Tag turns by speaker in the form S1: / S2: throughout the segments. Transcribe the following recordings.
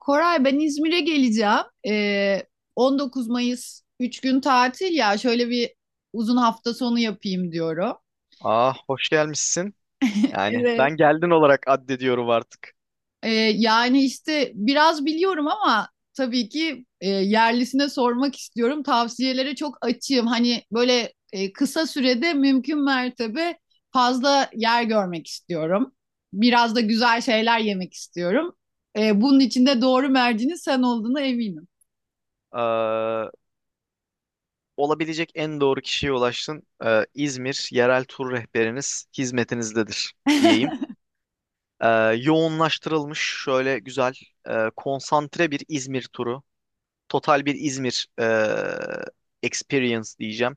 S1: Koray ben İzmir'e geleceğim. 19 Mayıs 3 gün tatil ya şöyle bir uzun hafta sonu yapayım diyorum.
S2: Ah, hoş gelmişsin. Yani
S1: Evet.
S2: ben geldin olarak addediyorum artık.
S1: Ee, yani işte biraz biliyorum ama tabii ki yerlisine sormak istiyorum. Tavsiyelere çok açığım. Hani böyle kısa sürede mümkün mertebe fazla yer görmek istiyorum. Biraz da güzel şeyler yemek istiyorum. Bunun için de doğru mercinin sen olduğuna eminim.
S2: Ee, Olabilecek en doğru kişiye ulaştın. İzmir yerel tur rehberiniz hizmetinizdedir diyeyim. Ee, Yoğunlaştırılmış şöyle güzel konsantre bir İzmir turu. Total bir İzmir experience diyeceğim.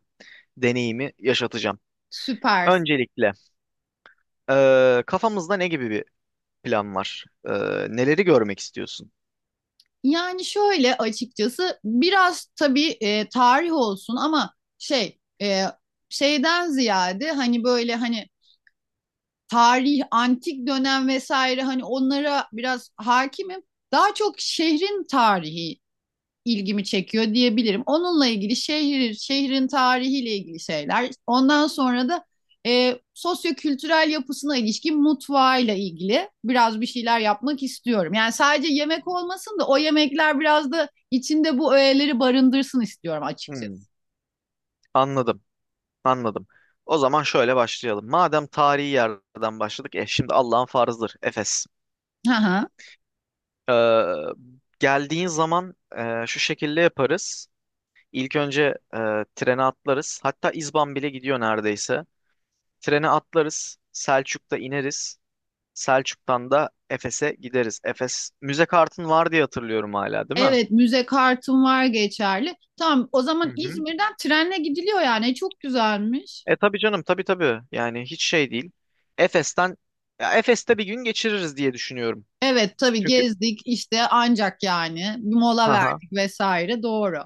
S2: Deneyimi yaşatacağım.
S1: Süper.
S2: Öncelikle kafamızda ne gibi bir plan var? Neleri görmek istiyorsun?
S1: Yani şöyle açıkçası biraz tabii tarih olsun ama şeyden ziyade hani böyle hani tarih, antik dönem vesaire hani onlara biraz hakimim. Daha çok şehrin tarihi ilgimi çekiyor diyebilirim. Onunla ilgili şehrin tarihiyle ilgili şeyler. Ondan sonra da sosyokültürel yapısına ilişkin mutfağıyla ilgili biraz bir şeyler yapmak istiyorum. Yani sadece yemek olmasın da o yemekler biraz da içinde bu öğeleri barındırsın istiyorum
S2: Hmm,
S1: açıkçası.
S2: anladım. Anladım. O zaman şöyle başlayalım. Madem tarihi yerden başladık, şimdi Allah'ın farzıdır. Efes.
S1: Hı hı.
S2: Ee, Geldiğin zaman şu şekilde yaparız. İlk önce e, trene atlarız. Hatta İzban bile gidiyor neredeyse. Trene atlarız. Selçuk'ta ineriz. Selçuk'tan da Efes'e gideriz. Efes müze kartın var diye hatırlıyorum hala, değil mi?
S1: Evet, müze kartım var geçerli. Tamam, o
S2: Hı
S1: zaman
S2: hı.
S1: İzmir'den trenle gidiliyor yani. Çok güzelmiş.
S2: Tabii canım, tabii tabii. Yani hiç şey değil. Efes'ten Efes'te bir gün geçiririz diye düşünüyorum.
S1: Evet, tabii
S2: Çünkü
S1: gezdik işte ancak yani bir mola
S2: ha
S1: verdik vesaire doğru.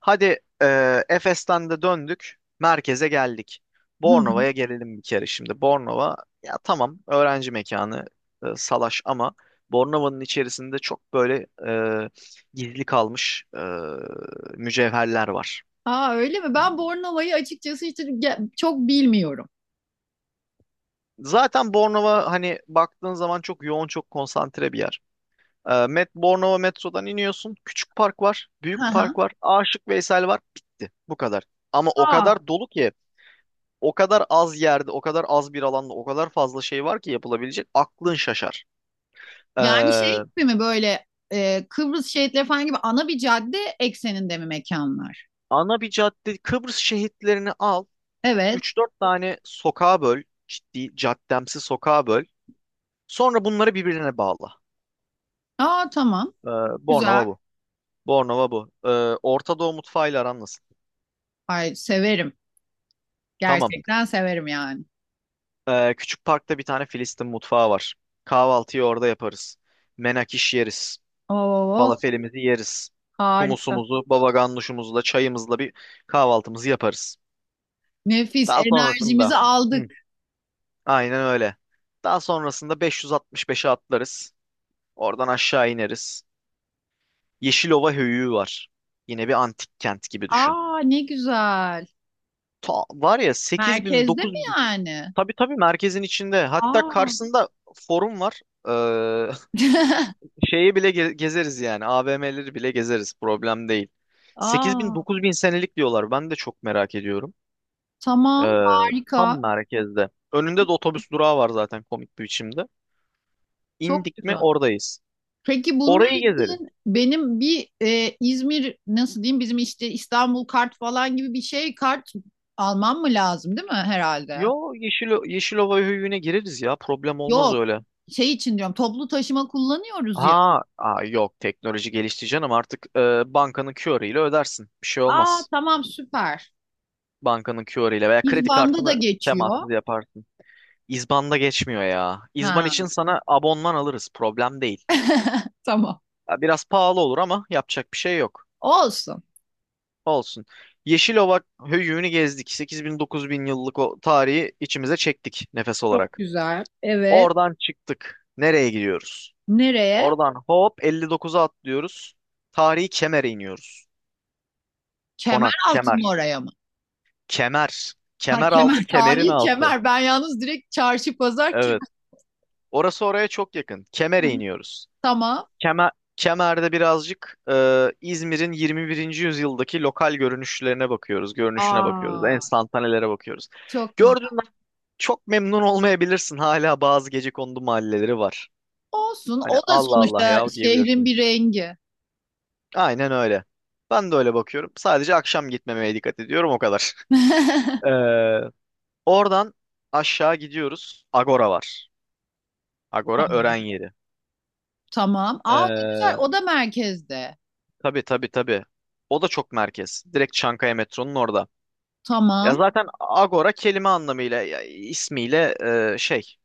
S2: Hadi, Efes'ten de döndük. Merkeze geldik. Bornova'ya gelelim bir kere şimdi. Bornova ya tamam, öğrenci mekanı, salaş, ama Bornova'nın içerisinde çok böyle e, gizli kalmış mücevherler var.
S1: Aa, öyle mi? Ben Bornova'yı açıkçası hiç çok bilmiyorum.
S2: Zaten Bornova hani baktığın zaman çok yoğun, çok konsantre bir yer. Bornova metrodan iniyorsun. Küçük park var,
S1: Hı
S2: büyük park
S1: hı.
S2: var, Aşık Veysel var. Bitti. Bu kadar. Ama o
S1: Aa,
S2: kadar dolu ki, o kadar az yerde, o kadar az bir alanda, o kadar fazla şey var ki yapılabilecek. Aklın şaşar. Ee,
S1: yani şey gibi mi böyle Kıbrıs şehitleri falan gibi ana bir cadde ekseninde mi mekanlar?
S2: Ana bir cadde, Kıbrıs şehitlerini al.
S1: Evet.
S2: Üç dört tane sokağa böl. Ciddi, caddemsi sokağa böl. Sonra bunları birbirine bağla.
S1: Aa, tamam.
S2: Ee,
S1: Güzel.
S2: Bornova bu. Bornova bu. Orta Doğu mutfağıyla aran nasıl?
S1: Ay severim.
S2: Tamam.
S1: Gerçekten severim yani.
S2: Küçük parkta bir tane Filistin mutfağı var. Kahvaltıyı orada yaparız. Menakiş yeriz.
S1: Oo,
S2: Falafelimizi yeriz.
S1: harika.
S2: Humusumuzu, baba ganuşumuzla, çayımızla bir kahvaltımızı yaparız.
S1: Nefis.
S2: Daha sonrasında
S1: Enerjimizi
S2: Hı,
S1: aldık.
S2: aynen öyle. Daha sonrasında 565'e atlarız. Oradan aşağı ineriz. Yeşilova Höyüğü var. Yine bir antik kent gibi düşün.
S1: Aa, ne güzel.
S2: Ta, var ya, 8000
S1: Merkezde mi
S2: 9000.
S1: yani?
S2: Tabii tabii, merkezin içinde. Hatta
S1: Aa.
S2: karşısında Forum var. Ee, Şeyi bile gezeriz yani. AVM'leri bile gezeriz. Problem değil. 8000
S1: Aa,
S2: 9000 senelik diyorlar. Ben de çok merak ediyorum. Ee,
S1: tamam,
S2: Tam
S1: harika.
S2: merkezde. Önünde de otobüs durağı var zaten, komik bir biçimde.
S1: Çok
S2: İndik mi
S1: güzel.
S2: oradayız.
S1: Peki bunlar
S2: Orayı gezeriz.
S1: için benim bir İzmir nasıl diyeyim bizim işte İstanbul kart falan gibi bir şey kart almam mı lazım değil mi herhalde?
S2: Yo, Yeşilova höyüğüne gireriz ya. Problem olmaz
S1: Yok,
S2: öyle.
S1: şey için diyorum toplu taşıma kullanıyoruz
S2: Ha,
S1: ya.
S2: aa, yok, teknoloji gelişti canım artık, bankanın QR ile ödersin. Bir şey
S1: Aa,
S2: olmaz.
S1: tamam, süper.
S2: Bankanın QR ile veya kredi
S1: İzban'da da
S2: kartını
S1: geçiyor.
S2: temassız yaparsın. İzban'da geçmiyor ya. İzban
S1: Ha.
S2: için sana abonman alırız. Problem değil.
S1: Tamam.
S2: Ya, biraz pahalı olur ama yapacak bir şey yok.
S1: Olsun.
S2: Olsun. Yeşilova höyüğünü gezdik. 8000 bin yıllık o tarihi içimize çektik nefes
S1: Çok
S2: olarak.
S1: güzel. Evet.
S2: Oradan çıktık. Nereye gidiyoruz?
S1: Nereye?
S2: Oradan hop 59'a atlıyoruz. Tarihi Kemer'e iniyoruz.
S1: Kemer
S2: Konak,
S1: altın
S2: Kemer.
S1: oraya mı?
S2: Kemer.
S1: Ha,
S2: Kemer altı,
S1: Kemer,
S2: Kemer'in
S1: tarihi
S2: altı.
S1: Kemer. Ben yalnız direkt çarşı pazar
S2: Evet. Orası oraya çok yakın. Kemer'e
S1: Kemer.
S2: iniyoruz.
S1: Tamam.
S2: Kemer'de birazcık İzmir'in 21. yüzyıldaki lokal görünüşlerine bakıyoruz. Görünüşüne bakıyoruz.
S1: Aa,
S2: Enstantanelere bakıyoruz.
S1: çok güzel.
S2: Gördüğünden çok memnun olmayabilirsin. Hala bazı gecekondu mahalleleri var.
S1: Olsun.
S2: Hani
S1: O da
S2: Allah Allah
S1: sonuçta
S2: ya
S1: şehrin
S2: diyebilirsin.
S1: bir rengi.
S2: Aynen öyle. Ben de öyle bakıyorum. Sadece akşam gitmemeye dikkat ediyorum o kadar. Ee, Oradan aşağı gidiyoruz. Agora var. Agora öğren yeri.
S1: Tamam. Aa, ne güzel.
S2: Ee,
S1: O da merkezde.
S2: tabii tabii tabii. O da çok merkez. Direkt Çankaya metronun orada. Ya
S1: Tamam.
S2: zaten Agora kelime anlamıyla ya ismiyle şey.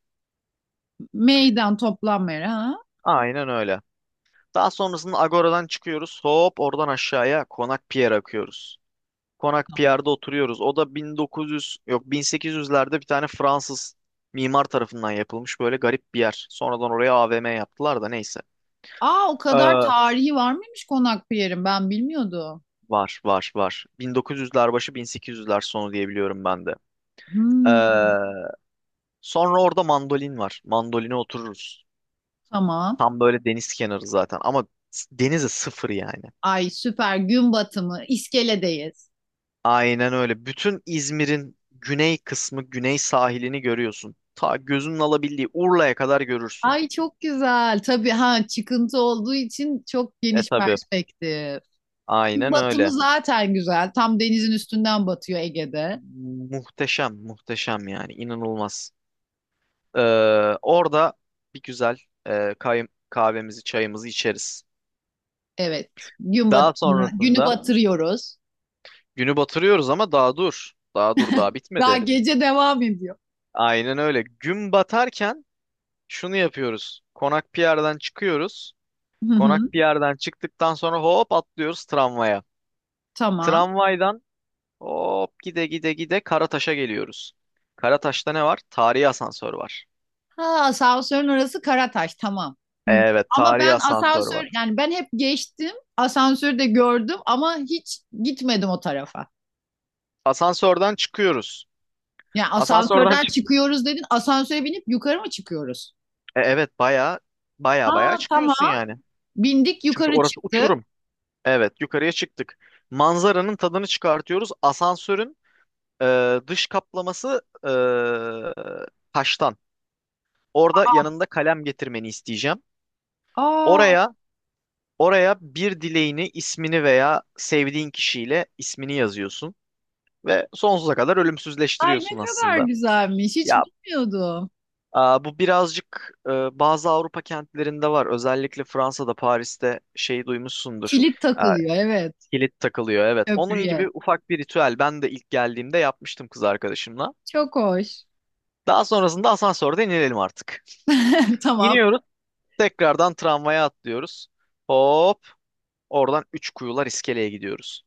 S1: Meydan toplanma yeri. Ha?
S2: Aynen öyle. Daha sonrasında Agora'dan çıkıyoruz. Hop oradan aşağıya Konak Pier akıyoruz. Konak
S1: Tamam.
S2: Pierre'de oturuyoruz. O da 1900, yok, 1800'lerde bir tane Fransız mimar tarafından yapılmış böyle garip bir yer. Sonradan oraya AVM yaptılar da neyse.
S1: Aa, o kadar
S2: Ee,
S1: tarihi var mıymış Konakpınar'ın? Ben bilmiyordum.
S2: Var var var. 1900'ler başı, 1800'ler sonu diyebiliyorum ben de. Ee,
S1: Hmm,
S2: Sonra orada Mandolin var. Mandoline otururuz.
S1: tamam.
S2: Tam böyle deniz kenarı zaten ama denize sıfır yani.
S1: Ay süper. Gün batımı. İskeledeyiz.
S2: Aynen öyle. Bütün İzmir'in güney kısmı, güney sahilini görüyorsun. Ta gözünün alabildiği Urla'ya kadar görürsün.
S1: Ay çok güzel. Tabii ha, çıkıntı olduğu için çok geniş
S2: Tabi.
S1: perspektif. Gün
S2: Aynen
S1: batımı
S2: öyle.
S1: zaten güzel. Tam denizin üstünden batıyor Ege'de.
S2: Muhteşem, muhteşem, yani inanılmaz. Ee, Orada bir güzel kahvemizi, çayımızı içeriz.
S1: Evet. Gün bat
S2: Daha
S1: günü
S2: sonrasında
S1: batırıyoruz.
S2: günü batırıyoruz ama daha dur. Daha dur, daha
S1: Daha
S2: bitmedi.
S1: gece devam ediyor.
S2: Aynen öyle. Gün batarken şunu yapıyoruz. Konak Pierre'den çıkıyoruz.
S1: Hı hı.
S2: Konak Pierre'den çıktıktan sonra hop atlıyoruz tramvaya.
S1: Tamam.
S2: Tramvaydan hop gide gide gide Karataş'a geliyoruz. Karataş'ta ne var? Tarihi asansör var.
S1: Ha, asansörün orası Karataş. Tamam. Hı.
S2: Evet,
S1: Ama
S2: tarihi
S1: ben
S2: asansör
S1: asansör
S2: var.
S1: yani ben hep geçtim. Asansörü de gördüm ama hiç gitmedim o tarafa.
S2: Asansörden çıkıyoruz.
S1: Yani
S2: Asansörden
S1: asansörden
S2: çık.
S1: çıkıyoruz dedin. Asansöre binip yukarı mı çıkıyoruz?
S2: Evet, baya, baya, baya
S1: Aa,
S2: çıkıyorsun
S1: tamam.
S2: yani.
S1: Bindik
S2: Çünkü
S1: yukarı
S2: orası
S1: çıktık.
S2: uçurum. Evet, yukarıya çıktık. Manzaranın tadını çıkartıyoruz. Asansörün dış kaplaması e, taştan. Orada yanında kalem getirmeni isteyeceğim.
S1: Aa,
S2: Oraya oraya bir dileğini, ismini veya sevdiğin kişiyle ismini yazıyorsun ve sonsuza kadar
S1: ay
S2: ölümsüzleştiriyorsun
S1: ne kadar
S2: aslında.
S1: güzelmiş. Hiç
S2: Ya,
S1: bilmiyordum.
S2: aa, bu birazcık bazı Avrupa kentlerinde var. Özellikle Fransa'da, Paris'te şeyi duymuşsundur.
S1: Kilit
S2: Aa,
S1: takılıyor, evet,
S2: kilit takılıyor, evet. Onun gibi
S1: köprüye.
S2: ufak bir ritüel. Ben de ilk geldiğimde yapmıştım kız arkadaşımla.
S1: Çok hoş.
S2: Daha sonrasında asansörde inelim artık.
S1: Tamam.
S2: İniyoruz, tekrardan tramvaya atlıyoruz. Hop, oradan Üç Kuyular iskeleye gidiyoruz.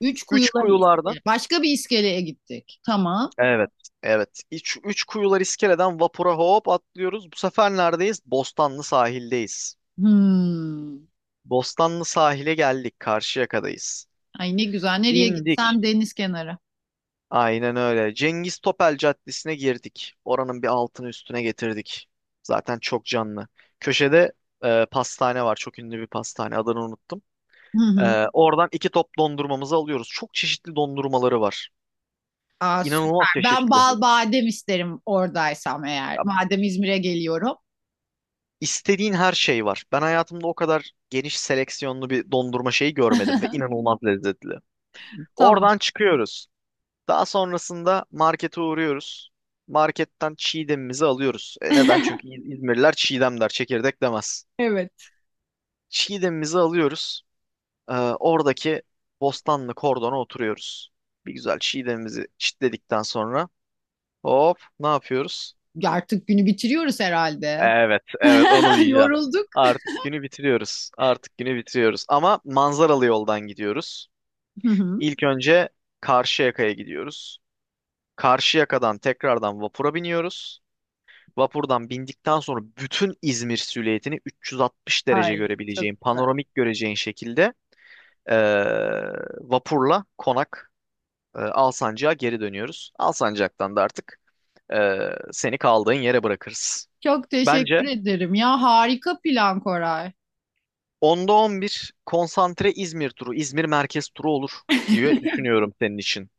S1: Üç
S2: Üç
S1: kuyular
S2: Kuyularda,
S1: iskele. Başka bir iskeleye gittik. Tamam.
S2: evet, evet. Üç Kuyular iskeleden vapura hop atlıyoruz. Bu sefer neredeyiz? Bostanlı sahildeyiz.
S1: Hmm.
S2: Bostanlı sahile geldik. Karşıyaka'dayız.
S1: Ay ne güzel. Nereye
S2: İndik.
S1: gitsen deniz kenarı.
S2: Aynen öyle. Cengiz Topel Caddesi'ne girdik. Oranın bir altını üstüne getirdik. Zaten çok canlı. Köşede pastane var. Çok ünlü bir pastane. Adını unuttum.
S1: Hı hı.
S2: Oradan iki top dondurmamızı alıyoruz. Çok çeşitli dondurmaları var.
S1: Aa, süper.
S2: İnanılmaz
S1: Ben
S2: çeşitli.
S1: bal badem isterim oradaysam eğer.
S2: Ya,
S1: Madem İzmir'e geliyorum.
S2: istediğin her şey var. Ben hayatımda o kadar geniş seleksiyonlu bir dondurma şeyi görmedim ve inanılmaz lezzetli.
S1: Tamam.
S2: Oradan çıkıyoruz. Daha sonrasında markete uğruyoruz. Marketten çiğdemimizi alıyoruz. Neden? Çünkü İzmirliler çiğdem der, çekirdek demez.
S1: Evet.
S2: Çiğdemimizi alıyoruz. Ee, Oradaki Bostanlı kordona oturuyoruz. Bir güzel çiğdemimizi çitledikten sonra hop ne yapıyoruz?
S1: Artık günü bitiriyoruz herhalde.
S2: Evet, evet, onu diyeceğim.
S1: Yorulduk.
S2: Artık günü bitiriyoruz. Artık günü bitiriyoruz. Ama manzaralı yoldan gidiyoruz.
S1: Hı hı.
S2: İlk önce Karşıyaka'ya gidiyoruz. Karşıyaka'dan tekrardan vapura biniyoruz. Vapurdan bindikten sonra bütün İzmir silüetini 360 derece
S1: Ay çok
S2: görebileceğin,
S1: güzel.
S2: panoramik göreceğin şekilde, e, vapurla Alsancak'a geri dönüyoruz. Alsancak'tan da artık e, seni kaldığın yere bırakırız.
S1: Çok teşekkür
S2: Bence
S1: ederim ya. Harika plan, Koray.
S2: 10'da 11 konsantre İzmir turu, İzmir merkez turu olur diye düşünüyorum senin için.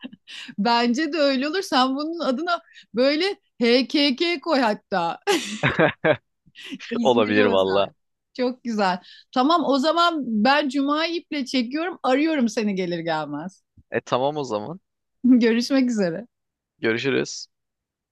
S1: Bence de öyle olur. Sen bunun adına böyle HKK koy hatta. İzmir'e
S2: Olabilir
S1: özel.
S2: valla.
S1: Çok güzel. Tamam, o zaman ben Cuma'yı iple çekiyorum. Arıyorum seni gelir gelmez.
S2: Tamam o zaman.
S1: Görüşmek üzere.
S2: Görüşürüz.